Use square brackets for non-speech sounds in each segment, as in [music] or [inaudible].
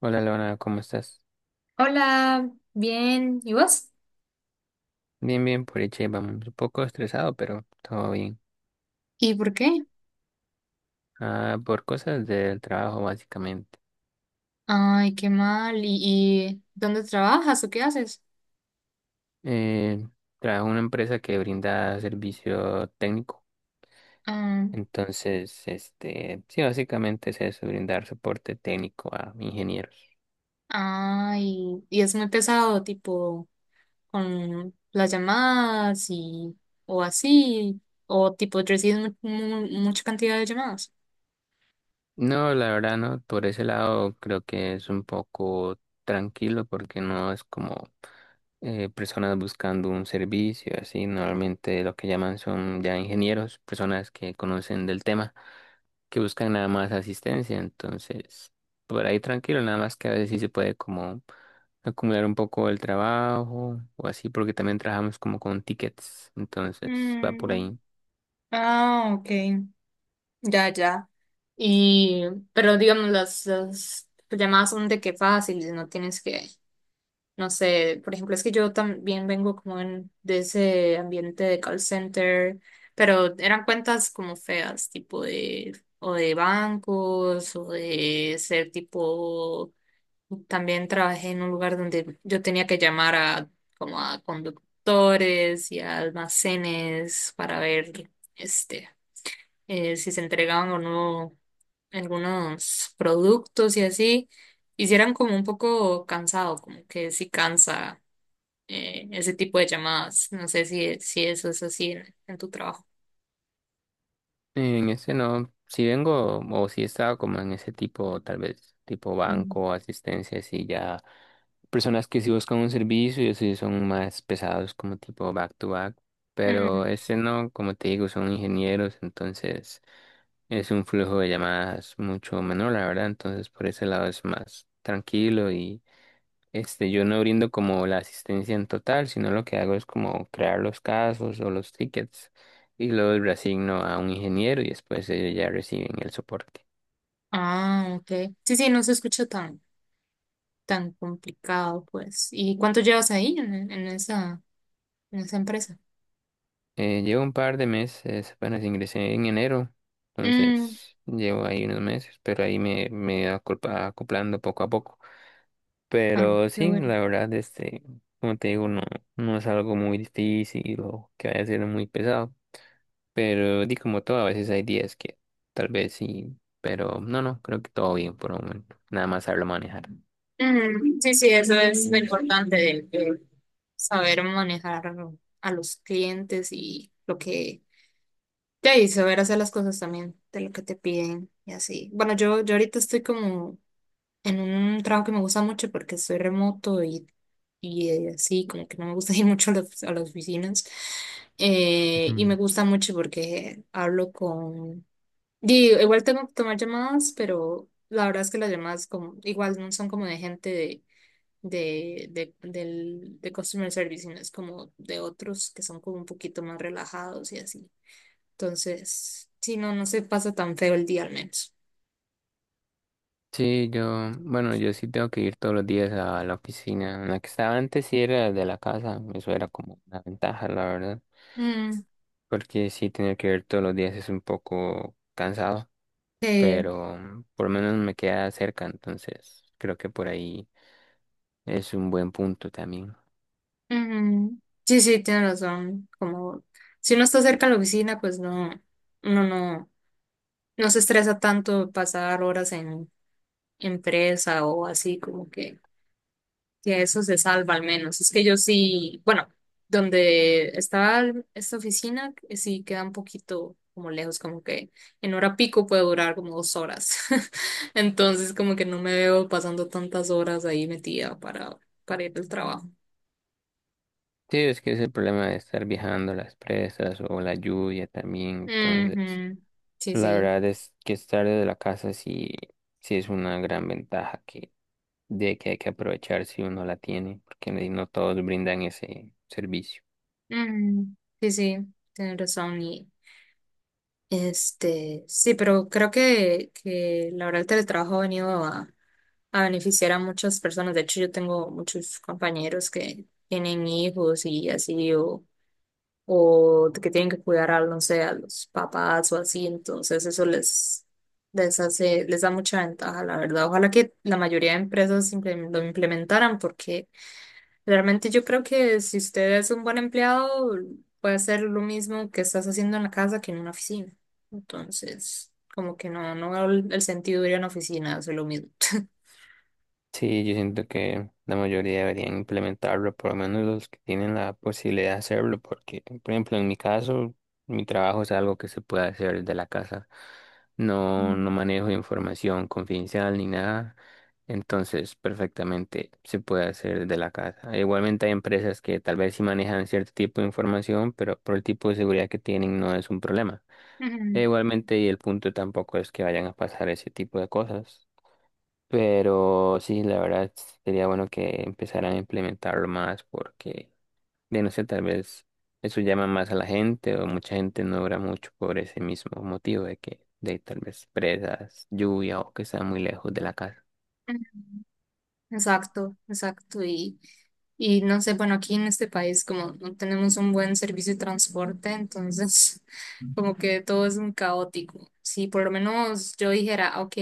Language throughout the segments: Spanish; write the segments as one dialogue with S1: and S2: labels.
S1: Hola Lorena, ¿cómo estás?
S2: Hola, bien, ¿y vos?
S1: Bien, bien, por hecho, vamos un poco estresado, pero todo bien.
S2: ¿Y por qué?
S1: Ah, por cosas del trabajo, básicamente.
S2: Ay, qué mal. ¿Y dónde trabajas o qué haces?
S1: Eh, Trabajo en una empresa que brinda servicio técnico.
S2: Ah,
S1: Entonces, sí, básicamente es eso, brindar soporte técnico a ingenieros.
S2: ay, y es muy pesado, tipo, con las llamadas y o así, o tipo, recibes mucha cantidad de llamadas.
S1: No, la verdad no, por ese lado creo que es un poco tranquilo porque no es como personas buscando un servicio, así normalmente lo que llaman son ya ingenieros, personas que conocen del tema, que buscan nada más asistencia, entonces por ahí tranquilo, nada más que a veces sí se puede como acumular un poco el trabajo o así, porque también trabajamos como con tickets, entonces va por
S2: Mm.
S1: ahí.
S2: Ah, ok. Ya, ya. Y, pero digamos, las llamadas son de que fáciles, no tienes que… No sé, por ejemplo, es que yo también vengo como en, de ese ambiente de call center, pero eran cuentas como feas, tipo de, o de bancos, o de ser tipo, también trabajé en un lugar donde yo tenía que llamar a, como a conductores y a almacenes para ver, este, si se entregaban o no algunos productos y así. Hicieran como un poco cansado, como que sí cansa, ese tipo de llamadas. No sé si eso es así en tu trabajo.
S1: En ese no, si vengo o si estaba como en ese tipo, tal vez tipo
S2: Ujú.
S1: banco, asistencia, así ya personas que sí buscan un servicio y así son más pesados como tipo back to back, pero
S2: Ujú.
S1: ese no, como te digo, son ingenieros, entonces es un flujo de llamadas mucho menor, la verdad, entonces por ese lado es más tranquilo este, yo no brindo como la asistencia en total, sino lo que hago es como crear los casos o los tickets y luego los reasigno a un ingeniero y después ellos ya reciben el soporte.
S2: Ah, ok. Sí, sí, no se escucha tan complicado, pues. ¿Y cuánto llevas ahí en esa empresa?
S1: Llevo un par de meses, apenas ingresé en enero,
S2: Mm.
S1: entonces llevo ahí unos meses, pero ahí me he acoplando poco a poco.
S2: Ah,
S1: Pero
S2: qué
S1: sí,
S2: bueno.
S1: la verdad, como te digo, no es algo muy difícil o que vaya a ser muy pesado. Pero di como todo, a veces hay días que tal vez sí, pero no, no, creo que todo bien por el momento. Nada más saberlo manejar.
S2: Mm, sí, sí, eso es lo
S1: Mm.
S2: importante de, saber manejar a los clientes y lo que, ya, y saber hacer las cosas también de lo que te piden y así. Bueno, yo ahorita estoy como en un trabajo que me gusta mucho porque soy remoto y así, como que no me gusta [laughs] ir mucho a las oficinas. Y
S1: Ujú.
S2: me gusta mucho porque hablo con… Digo, igual tengo que tomar llamadas, pero la verdad es que las llamadas como, igual no son como de gente de customer service, sino es como de otros que son como un poquito más relajados y así. Entonces, sí, no, no se pasa tan feo el día al menos.
S1: Sí, yo, bueno, yo sí tengo que ir todos los días a la oficina. En la que estaba antes sí era de la casa, eso era como una ventaja, la verdad,
S2: Mm.
S1: porque sí tener que ir todos los días es un poco cansado,
S2: eh,
S1: pero por lo menos me queda cerca, entonces creo que por ahí es un buen punto también.
S2: Ujú. Sí, sí, tienes razón. Como si uno está cerca de la oficina, pues no, uno no, no se estresa tanto pasar horas en empresa o así, como que eso se salva al menos. Es que yo sí, bueno, donde estaba esta oficina, sí queda un poquito como lejos, como que en hora pico puede durar como 2 horas. [laughs] Entonces, como que no me veo pasando tantas horas ahí metida para, ir al trabajo.
S1: Sí, es que es el problema de estar viajando las presas o la lluvia también. Entonces,
S2: Ujú. Sí,
S1: la
S2: sí.
S1: verdad es que estar desde la casa sí, sí es una gran ventaja de que hay que aprovechar si uno la tiene, porque no todos brindan ese servicio.
S2: Mm, sí, sí, tienes razón. Y este, sí, pero creo que la verdad el teletrabajo ha venido a beneficiar a muchas personas. De hecho, yo tengo muchos compañeros que tienen hijos y así, o que tienen que cuidar a, no sé, a los papás o así. Entonces, eso les hace, les da mucha ventaja, la verdad. Ojalá que la mayoría de empresas lo implementaran, porque realmente yo creo que si usted es un buen empleado, puede hacer lo mismo que estás haciendo en la casa que en una oficina. Entonces, como que no, no veo el sentido de ir a una oficina, hacer lo mismo. [laughs]
S1: Sí, yo siento que la mayoría deberían implementarlo, por lo menos los que tienen la posibilidad de hacerlo, porque, por ejemplo, en mi caso, mi trabajo es algo que se puede hacer desde la casa. No,
S2: Mm.
S1: no manejo información confidencial ni nada, entonces perfectamente se puede hacer desde la casa. Igualmente hay empresas que tal vez sí manejan cierto tipo de información, pero por el tipo de seguridad que tienen no es un problema. E
S2: Ujú,
S1: igualmente, y el punto tampoco es que vayan a pasar ese tipo de cosas. Pero sí, la verdad sería bueno que empezaran a implementarlo más porque, de no sé, tal vez eso llama más a la gente o mucha gente no obra mucho por ese mismo motivo de que de tal vez presas, lluvia o que está muy lejos de la casa.
S2: ujú. Exacto, exacto. Y no sé, bueno, aquí en este país como no tenemos un buen servicio de transporte, entonces [laughs] como que todo es un caótico. Si por lo menos yo dijera, ok,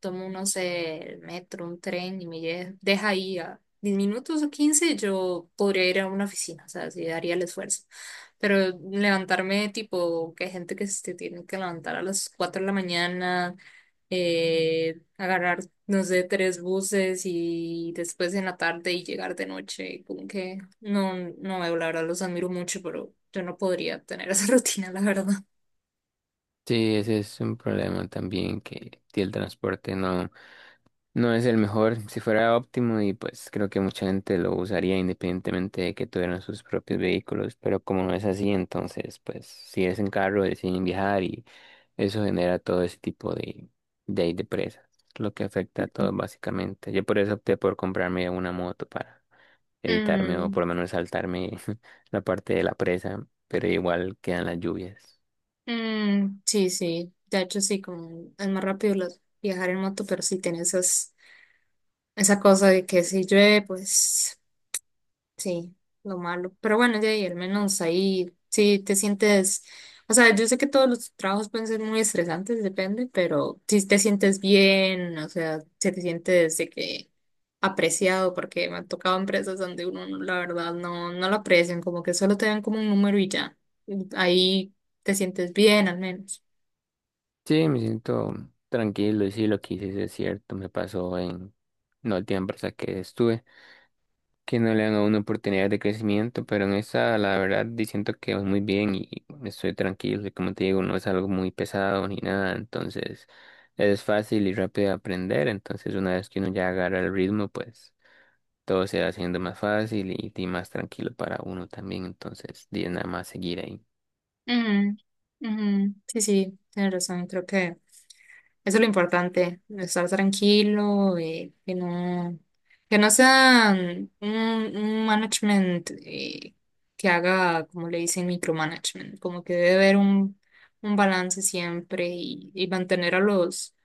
S2: tomo, no sé, el metro, un tren y me deja ahí a 10 minutos o 15, yo podría ir a una oficina, o sea, sí daría el esfuerzo. Pero levantarme tipo, que hay gente que se tiene que levantar a las 4 de la mañana, agarrar, no sé, tres buses y después en la tarde y llegar de noche, como que no, no veo, la verdad, los admiro mucho, pero yo no podría tener esa [laughs] rutina, la verdad.
S1: Sí, ese es un problema también que el transporte no, no es el mejor, si fuera óptimo y pues creo que mucha gente lo usaría independientemente de que tuvieran sus propios vehículos, pero como no es así, entonces pues si es en carro deciden viajar y eso genera todo ese tipo de, ahí de presas, lo que afecta a todo básicamente. Yo por eso opté por comprarme una moto para evitarme o
S2: Mm,
S1: por lo menos saltarme [laughs] la parte de la presa, pero igual quedan las lluvias.
S2: mm, sí, sí, de hecho sí, como es más rápido viajar en moto, pero sí tiene esa cosa de que si llueve, pues… Sí, lo malo. Pero bueno, de ahí al menos ahí sí te sientes, o sea, yo sé que todos los trabajos pueden ser muy estresantes, depende, pero si te sientes bien, o sea, si te sientes de que apreciado, porque me han tocado empresas donde uno, la verdad, no, no lo aprecian, como que solo te dan como un número y ya. Ahí te sientes bien al menos.
S1: Sí, me siento tranquilo y sí, lo que hice sí es cierto, me pasó en la última empresa que estuve, que no le dan a uno oportunidades de crecimiento, pero en esa, la verdad, siento que voy muy bien y estoy tranquilo, y como te digo, no es algo muy pesado ni nada, entonces es fácil y rápido de aprender, entonces una vez que uno ya agarra el ritmo, pues todo se va haciendo más fácil y más tranquilo para uno también, entonces di, es nada más seguir ahí.
S2: Ujú, ujú. Sí, sí, tienes razón. Creo que eso es lo importante, estar tranquilo y que no sea un management, que haga, como le dicen, micromanagement, como que debe haber un balance siempre y mantener a los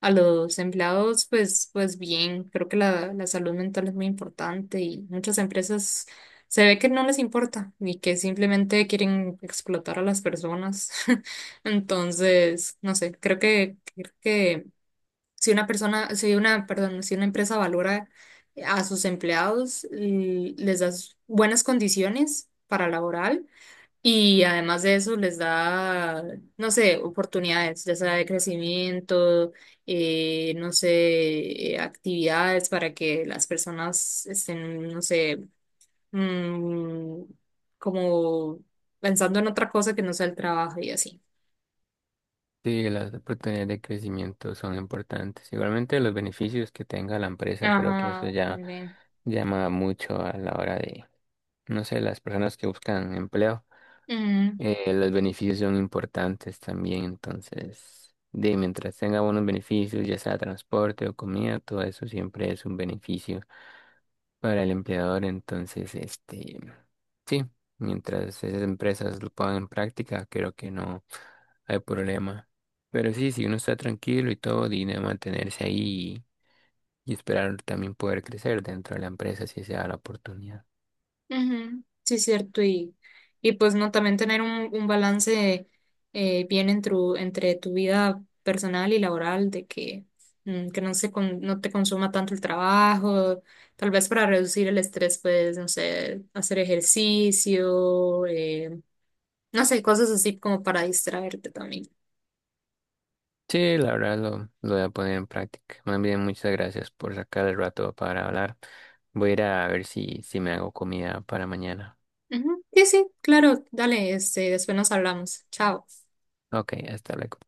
S2: a los empleados, pues, pues bien, creo que la salud mental es muy importante y muchas empresas se ve que no les importa y que simplemente quieren explotar a las personas. [laughs] Entonces, no sé, creo que si una persona, si una, perdón, si una empresa valora a sus empleados, les da buenas condiciones para laboral, y además de eso les da, no sé, oportunidades, ya sea de crecimiento, no sé, actividades para que las personas estén, no sé, mm, como pensando en otra cosa que no sea el trabajo y así.
S1: Sí, las oportunidades de crecimiento son importantes. Igualmente los beneficios que tenga la empresa, creo que eso
S2: Ajá,
S1: ya
S2: también.
S1: llama mucho a la hora de, no sé, las personas que buscan empleo. Los beneficios son importantes también, entonces, de mientras tenga buenos beneficios, ya sea transporte o comida, todo eso siempre es un beneficio para el empleador. Entonces, sí, mientras esas empresas lo pongan en práctica, creo que no hay problema. Pero sí, si uno está tranquilo y todo, tiene mantenerse ahí y esperar también poder crecer dentro de la empresa si se da la oportunidad.
S2: Ujú. Sí, cierto. Y pues no, también tener un balance, bien entre tu vida personal y laboral, de que, que no se no te consuma tanto el trabajo, tal vez para reducir el estrés, pues, no sé, hacer ejercicio, no sé, cosas así como para distraerte también.
S1: Sí, la verdad lo voy a poner en práctica. Más bien, muchas gracias por sacar el rato para hablar. Voy a ir a ver si, si me hago comida para mañana.
S2: Ujú. Sí, sí, claro, dale, este, después nos hablamos. Chao.
S1: Ok, hasta luego.